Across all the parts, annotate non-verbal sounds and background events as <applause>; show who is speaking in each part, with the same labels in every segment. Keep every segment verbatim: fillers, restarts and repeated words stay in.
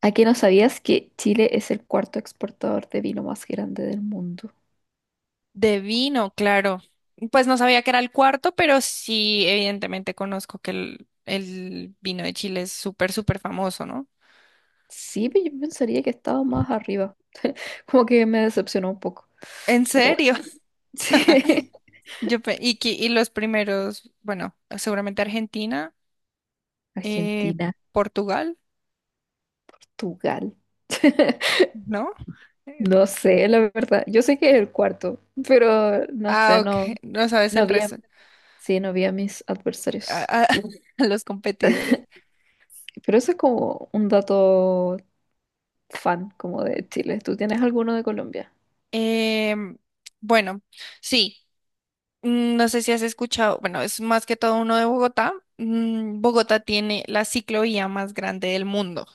Speaker 1: ¿A qué no sabías que Chile es el cuarto exportador de vino más grande del mundo?
Speaker 2: De vino, claro. Pues no sabía que era el cuarto, pero sí, evidentemente conozco que el, el vino de Chile es súper, súper famoso, ¿no?
Speaker 1: Sí, pero yo pensaría que estaba más arriba. Como que me decepcionó un poco.
Speaker 2: ¿En
Speaker 1: Pero bueno,
Speaker 2: serio? <laughs>
Speaker 1: <laughs> sí.
Speaker 2: yo pe- y, que- y los primeros, bueno, seguramente Argentina, eh,
Speaker 1: Argentina,
Speaker 2: Portugal,
Speaker 1: Portugal. <laughs>
Speaker 2: ¿no? Eh,
Speaker 1: No sé, la verdad. Yo sé que es el cuarto, pero no
Speaker 2: ah,
Speaker 1: sé,
Speaker 2: ok,
Speaker 1: no,
Speaker 2: no sabes
Speaker 1: no
Speaker 2: el
Speaker 1: vi a,
Speaker 2: resto,
Speaker 1: sí, no vi a mis
Speaker 2: a,
Speaker 1: adversarios.
Speaker 2: a- <laughs> a los
Speaker 1: <laughs>
Speaker 2: competidores.
Speaker 1: Pero eso es como un dato fan como de Chile. ¿Tú tienes alguno de Colombia?
Speaker 2: Em, bueno, sí. Mm, No sé si has escuchado, bueno, es más que todo uno de Bogotá. Mm, Bogotá tiene la ciclovía más grande del mundo.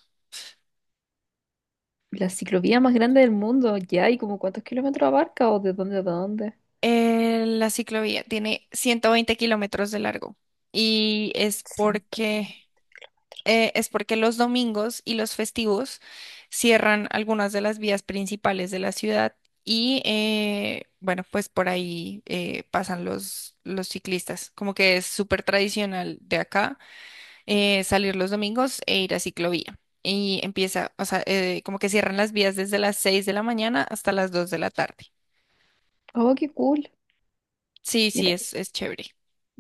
Speaker 1: La ciclovía más grande del mundo, ya, ¿y como cuántos kilómetros abarca o de dónde a dónde?
Speaker 2: Eh, la ciclovía tiene ciento veinte kilómetros de largo y es
Speaker 1: ciento veinte
Speaker 2: porque,
Speaker 1: metros.
Speaker 2: eh, es porque los domingos y los festivos cierran algunas de las vías principales de la ciudad y, eh, bueno, pues por ahí eh, pasan los, los ciclistas. Como que es súper tradicional de acá eh, salir los domingos e ir a ciclovía. Y empieza, o sea, eh, como que cierran las vías desde las seis de la mañana hasta las dos de la tarde.
Speaker 1: Oh, qué cool.
Speaker 2: Sí, sí,
Speaker 1: Mira,
Speaker 2: es, es chévere.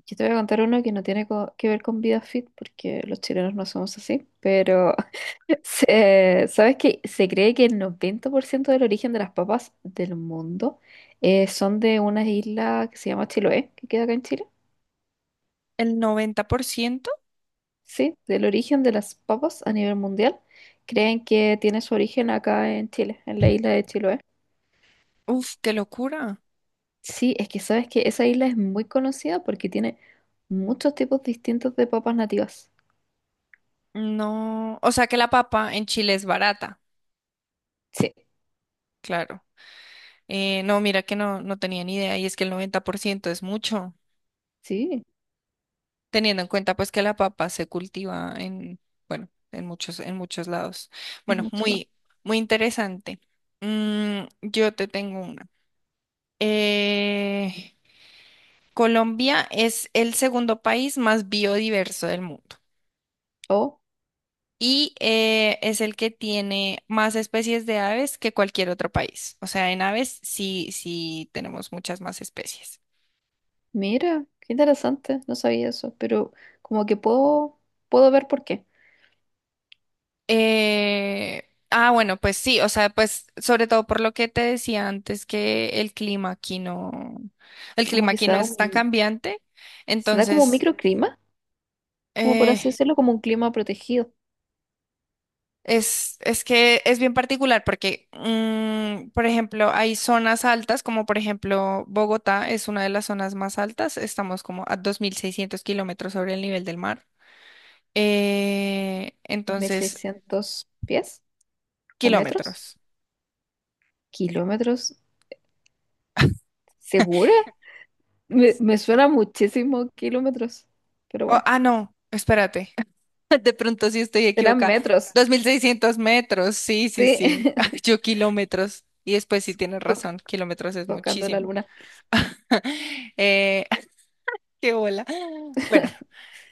Speaker 1: yo te voy a contar uno que no tiene co- que ver con vida fit, porque los chilenos no somos así, pero <laughs> se- ¿sabes qué? Se cree que el noventa por ciento del origen de las papas del mundo eh, son de una isla que se llama Chiloé, que queda acá en Chile.
Speaker 2: El noventa por ciento.
Speaker 1: Sí, del origen de las papas a nivel mundial, creen que tiene su origen acá en Chile, en la isla de Chiloé.
Speaker 2: Uf, qué locura.
Speaker 1: Sí, es que sabes que esa isla es muy conocida porque tiene muchos tipos distintos de papas nativas.
Speaker 2: No, o sea que la papa en Chile es barata,
Speaker 1: Sí.
Speaker 2: claro. Eh, no, mira que no, no tenía ni idea y es que el noventa por ciento es mucho,
Speaker 1: Sí,
Speaker 2: teniendo en cuenta pues que la papa se cultiva en, bueno, en muchos, en muchos lados.
Speaker 1: es
Speaker 2: Bueno,
Speaker 1: mucho. Lo-
Speaker 2: muy, muy interesante. Mm, yo te tengo una. Eh, Colombia es el segundo país más biodiverso del mundo
Speaker 1: Oh,
Speaker 2: y eh, es el que tiene más especies de aves que cualquier otro país. O sea, en aves sí, sí tenemos muchas más especies.
Speaker 1: mira, qué interesante, no sabía eso, pero como que puedo, puedo ver por qué.
Speaker 2: Eh, ah, bueno, pues sí, o sea, pues sobre todo por lo que te decía antes que el clima aquí no, el
Speaker 1: Como
Speaker 2: clima
Speaker 1: que
Speaker 2: aquí
Speaker 1: se
Speaker 2: no
Speaker 1: da
Speaker 2: es tan
Speaker 1: un,
Speaker 2: cambiante,
Speaker 1: se da como un
Speaker 2: entonces...
Speaker 1: microclima, como por así
Speaker 2: eh,
Speaker 1: decirlo, como un clima protegido.
Speaker 2: Es, es que es bien particular porque, mm, por ejemplo, hay zonas altas, como por ejemplo Bogotá es una de las zonas más altas, estamos como a dos mil seiscientos kilómetros sobre el nivel del mar. Eh,
Speaker 1: Dos mil
Speaker 2: entonces,
Speaker 1: seiscientos pies o metros,
Speaker 2: kilómetros.
Speaker 1: kilómetros, ¿segura? Me, me suena muchísimo kilómetros, pero
Speaker 2: Oh,
Speaker 1: bueno,
Speaker 2: ah, no, espérate, <laughs> de pronto sí estoy
Speaker 1: serán
Speaker 2: equivocada.
Speaker 1: metros,
Speaker 2: Dos mil seiscientos metros, sí, sí,
Speaker 1: sí.
Speaker 2: sí, <laughs>
Speaker 1: <laughs>
Speaker 2: yo kilómetros. Y después sí tienes
Speaker 1: ¿Tú
Speaker 2: razón, kilómetros es
Speaker 1: tocando la
Speaker 2: muchísimo.
Speaker 1: luna,
Speaker 2: <laughs> Eh, <laughs> Qué bola. Bueno.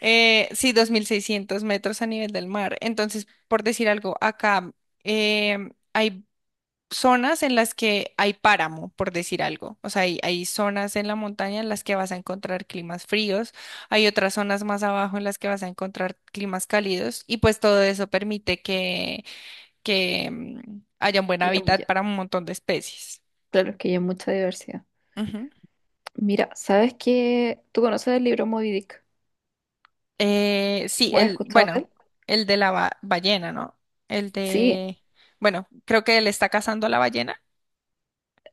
Speaker 2: Eh, sí, dos mil seiscientos metros a nivel del mar. Entonces, por decir algo, acá em, hay zonas en las que hay páramo, por decir algo. O sea, hay, hay zonas en la montaña en las que vas a encontrar climas fríos, hay otras zonas más abajo en las que vas a encontrar climas cálidos y pues todo eso permite que, que em, haya un buen
Speaker 1: que ya, mu-
Speaker 2: hábitat
Speaker 1: ya-
Speaker 2: para un montón de especies.
Speaker 1: claro, que ya hay mucha diversidad. Mira, ¿sabes que ¿Tú conoces el libro Moby Dick?
Speaker 2: Eh, sí,
Speaker 1: ¿O has
Speaker 2: el,
Speaker 1: escuchado de
Speaker 2: bueno,
Speaker 1: él?
Speaker 2: el de la ba- ballena, ¿no? El
Speaker 1: Sí,
Speaker 2: de, bueno, creo que él está cazando a la ballena.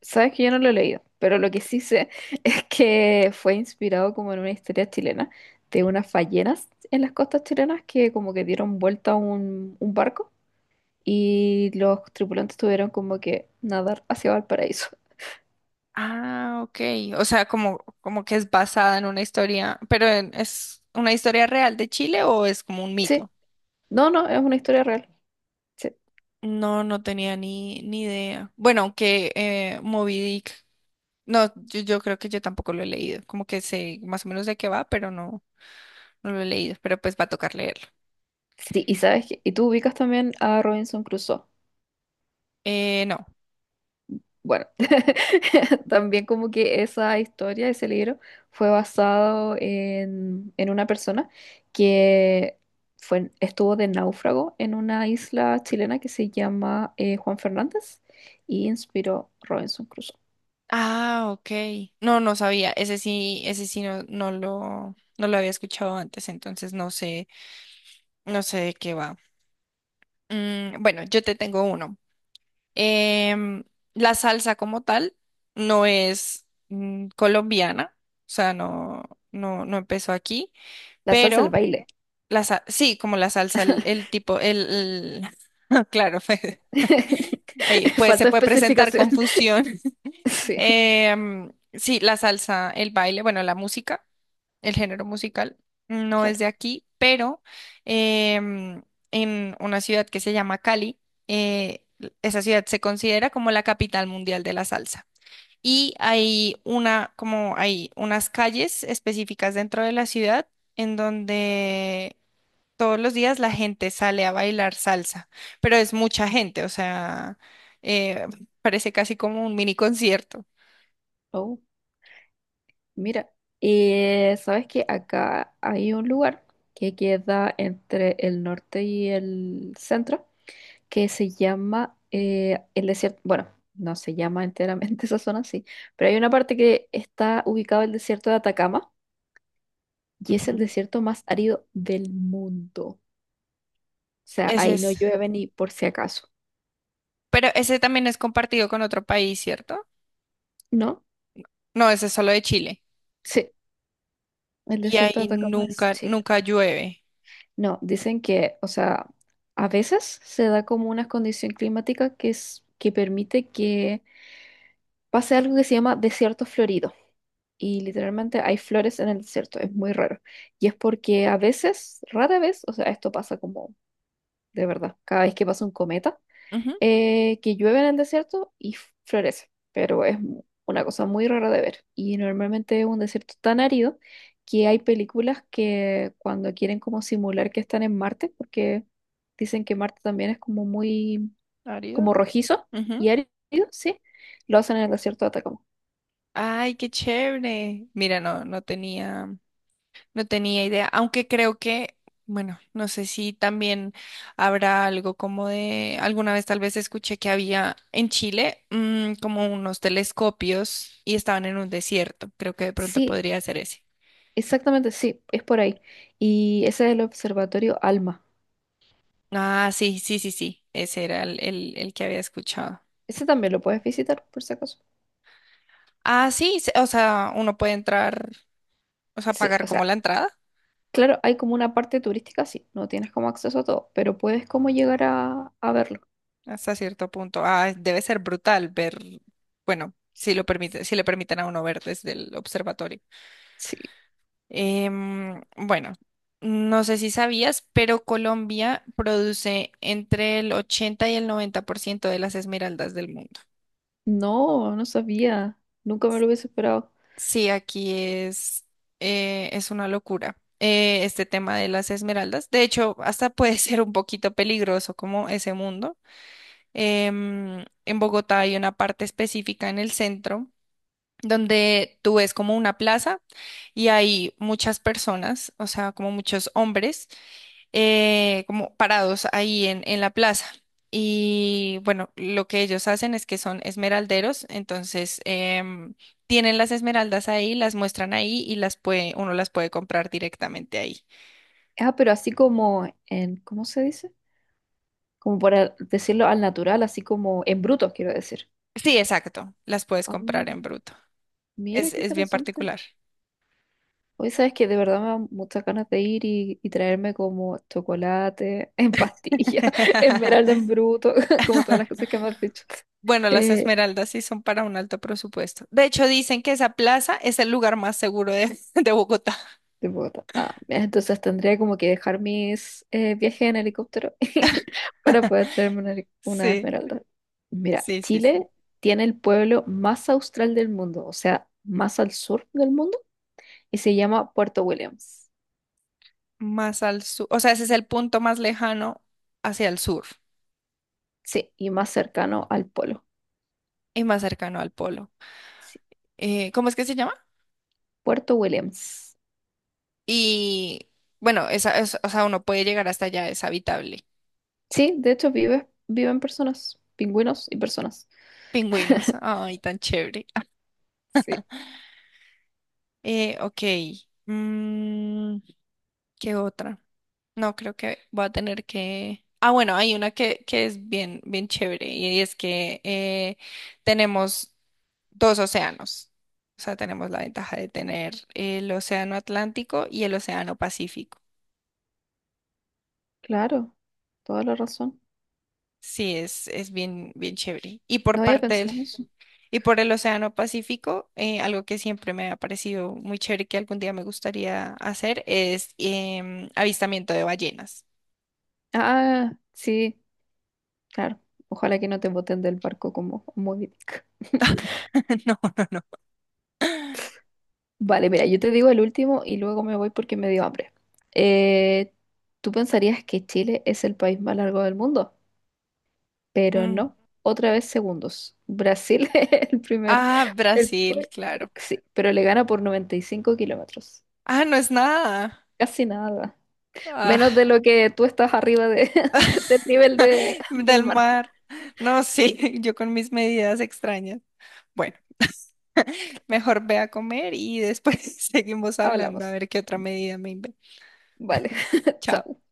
Speaker 1: sabes que yo no lo he leído, pero lo que sí sé <laughs> es que fue inspirado como en una historia chilena de unas ballenas en las costas chilenas que como que dieron vuelta a un, un barco y los tripulantes tuvieron como que nadar hacia Valparaíso.
Speaker 2: Ah, ok. O sea, como, como que es basada en una historia, pero en- ¿es una historia real de Chile o es como un
Speaker 1: Sí,
Speaker 2: mito?
Speaker 1: no, no, es una historia real. Sí,
Speaker 2: No, no tenía ni, ni idea. Bueno, aunque eh, Moby Dick, no, yo, yo creo que yo tampoco lo he leído. Como que sé más o menos de qué va, pero no, no lo he leído. Pero pues va a tocar leerlo.
Speaker 1: sí, y sabes que, y tú ubicas también a Robinson Crusoe.
Speaker 2: Eh, no.
Speaker 1: Bueno, <laughs> también como que esa historia, ese libro, fue basado en, en una persona que fue, estuvo de náufrago en una isla chilena que se llama eh, Juan Fernández y inspiró Robinson Crusoe.
Speaker 2: Ah, ok. No, no sabía. Ese sí, ese sí no, no lo, no lo había escuchado antes, entonces no sé, no sé de qué va. Mm, bueno, yo te tengo uno. Em, la salsa como tal no es mm, colombiana, o sea, no, no, no empezó aquí,
Speaker 1: La salsa al
Speaker 2: pero
Speaker 1: baile.
Speaker 2: la sa- sí, como la salsa, el, el tipo, el, el- <laughs> claro, <laughs> ahí
Speaker 1: <laughs>
Speaker 2: pues se
Speaker 1: Falta
Speaker 2: puede presentar
Speaker 1: especificación. <laughs>
Speaker 2: confusión. <laughs>
Speaker 1: Sí,
Speaker 2: Em, sí, la salsa, el baile, bueno, la música. El género musical no es
Speaker 1: claro.
Speaker 2: de aquí, pero em, en una ciudad que se llama Cali, eh, esa ciudad se considera como la capital mundial de la salsa. Y hay una, como hay unas calles específicas dentro de la ciudad en donde todos los días la gente sale a bailar salsa, pero es mucha gente, o sea, eh, parece casi como un mini concierto.
Speaker 1: Oh, mira. Eh, sabes que acá hay un lugar que queda entre el norte y el centro que se llama eh, el desierto, bueno, no se llama enteramente <laughs> esa zona, sí, pero hay una parte que está ubicado el desierto de Atacama y es el
Speaker 2: Ujú.
Speaker 1: desierto más árido del mundo. O sea,
Speaker 2: Ese
Speaker 1: ahí no
Speaker 2: es,
Speaker 1: llueve ni por si acaso,
Speaker 2: pero ese también es compartido con otro país, ¿cierto?
Speaker 1: ¿no?
Speaker 2: No, ese es solo de Chile.
Speaker 1: Sí, el
Speaker 2: Y
Speaker 1: desierto de
Speaker 2: ahí
Speaker 1: Atacama es
Speaker 2: nunca,
Speaker 1: Chile.
Speaker 2: nunca llueve.
Speaker 1: No, dicen que, o sea, a veces se da como una condición climática que es, que permite que pase algo que se llama desierto florido y literalmente hay flores en el desierto, es muy raro. Y es porque a veces, rara vez, o sea, esto pasa como de verdad, cada vez que pasa un cometa,
Speaker 2: Ujú,
Speaker 1: eh, que llueve en el desierto y f- florece, pero es mu- una cosa muy rara de ver. Y normalmente es un desierto tan árido que hay películas que cuando quieren como simular que están en Marte, porque dicen que Marte también es como muy,
Speaker 2: árido.
Speaker 1: como rojizo
Speaker 2: Ujú.
Speaker 1: y árido, sí, lo hacen en el desierto de Atacama.
Speaker 2: Ay, qué chévere. Mira, no, no tenía, no tenía idea. Aunque creo que, bueno, no sé si también habrá algo como de, alguna vez tal vez escuché que había en Chile mm, como unos telescopios y estaban en un desierto. Creo que de pronto
Speaker 1: Sí,
Speaker 2: podría ser ese.
Speaker 1: exactamente, sí, es por ahí. Y ese es el Observatorio Alma.
Speaker 2: Ah, sí, sí, sí, sí. Ese era el, el, el que había escuchado.
Speaker 1: Ese también lo puedes visitar, por si acaso.
Speaker 2: Ah, sí, se- o sea, uno puede entrar. O sea,
Speaker 1: Sí,
Speaker 2: pagar
Speaker 1: o
Speaker 2: como
Speaker 1: sea,
Speaker 2: la entrada
Speaker 1: claro, hay como una parte turística, sí, no tienes como acceso a todo, pero puedes como llegar a, a verlo.
Speaker 2: hasta cierto punto. Ah, debe ser brutal ver, bueno, si lo permite, si le permiten a uno ver desde el observatorio.
Speaker 1: Sí,
Speaker 2: Em, bueno, no sé si sabías, pero Colombia produce entre el ochenta y el noventa por ciento de las esmeraldas del mundo.
Speaker 1: no, no sabía, nunca me lo hubiese esperado.
Speaker 2: Sí, aquí es, eh, es una locura. Eh, este tema de las esmeraldas. De hecho, hasta puede <laughs> ser un poquito peligroso como ese mundo. Em, en Bogotá hay una parte específica en el centro donde tú ves como una plaza y hay muchas personas, o sea, como muchos hombres, eh, como parados ahí en, en la plaza. Y bueno, lo que ellos hacen es que son esmeralderos, entonces em, tienen las esmeraldas ahí, las muestran ahí y las puede, uno las puede comprar directamente ahí.
Speaker 1: Ah, pero así como en, ¿cómo se dice? Como por decirlo al natural, así como en bruto, quiero decir.
Speaker 2: Sí, exacto, las puedes
Speaker 1: Ah,
Speaker 2: comprar en bruto.
Speaker 1: mira,
Speaker 2: Es,
Speaker 1: qué
Speaker 2: es bien
Speaker 1: interesante.
Speaker 2: particular.
Speaker 1: Hoy sabes que de verdad me dan muchas ganas de ir y, y traerme como chocolate en pastilla, <laughs> esmeralda en
Speaker 2: <laughs>
Speaker 1: bruto, <laughs> como todas las cosas que me has dicho.
Speaker 2: Bueno, las
Speaker 1: Eh,
Speaker 2: esmeraldas sí son para un alto presupuesto. De hecho, dicen que esa plaza es el lugar más seguro de, <laughs> de Bogotá.
Speaker 1: de Bogotá. Ah, mira, entonces tendría como que dejar mis eh, viajes en helicóptero <laughs> para poder traerme una, heli- una
Speaker 2: Sí,
Speaker 1: esmeralda. Mira,
Speaker 2: sí, sí, sí.
Speaker 1: Chile tiene el pueblo más austral del mundo, o sea, más al sur del mundo, y se llama Puerto Williams.
Speaker 2: Más al sur. O sea, ese es el punto más lejano hacia el sur
Speaker 1: Sí, y más cercano al polo.
Speaker 2: y más cercano al polo.
Speaker 1: Sí,
Speaker 2: Eh, ¿cómo es que se llama?
Speaker 1: Puerto Williams.
Speaker 2: Y bueno, esa, es- o sea, uno puede llegar hasta allá, es habitable.
Speaker 1: Sí, de hecho vive, viven personas, pingüinos y personas.
Speaker 2: Pingüinos. Ay, tan chévere. Ah.
Speaker 1: Sí,
Speaker 2: Eh, ok. Mm, ¿Qué otra? No, creo que voy a tener que... Ah, bueno, hay una que, que es bien, bien chévere y es que eh, tenemos dos océanos. O sea, tenemos la ventaja de tener el océano Atlántico y el océano Pacífico.
Speaker 1: claro, toda la razón.
Speaker 2: Sí, es, es bien, bien chévere. Y por
Speaker 1: No había
Speaker 2: parte del,
Speaker 1: pensado en eso.
Speaker 2: y por el océano Pacífico, eh, algo que siempre me ha parecido muy chévere que algún día me gustaría hacer es em, avistamiento de ballenas.
Speaker 1: Ah, sí, claro. Ojalá que no te boten del barco como Moby Dick.
Speaker 2: <laughs> No.
Speaker 1: <laughs> Vale, mira, yo te digo el último y luego me voy porque me dio hambre. Eh, tú pensarías que Chile es el país más largo del mundo, pero
Speaker 2: Mm.
Speaker 1: no. Otra vez segundos. Brasil <laughs> es el primer,
Speaker 2: Ah,
Speaker 1: el, pa-
Speaker 2: Brasil, claro.
Speaker 1: sí, pero le gana por noventa y cinco kilómetros.
Speaker 2: Ah, no es nada.
Speaker 1: Casi nada.
Speaker 2: Ah,
Speaker 1: Menos de lo que tú estás arriba de, <laughs> del
Speaker 2: <laughs>
Speaker 1: nivel de, del
Speaker 2: del
Speaker 1: mar.
Speaker 2: mar. No, sí, <laughs> yo con mis medidas extrañas. Bueno, mejor ve a comer y después <laughs> seguimos hablando a
Speaker 1: Hablamos.
Speaker 2: ver qué otra medida me invento.
Speaker 1: Vale, <laughs>
Speaker 2: Chao.
Speaker 1: chao.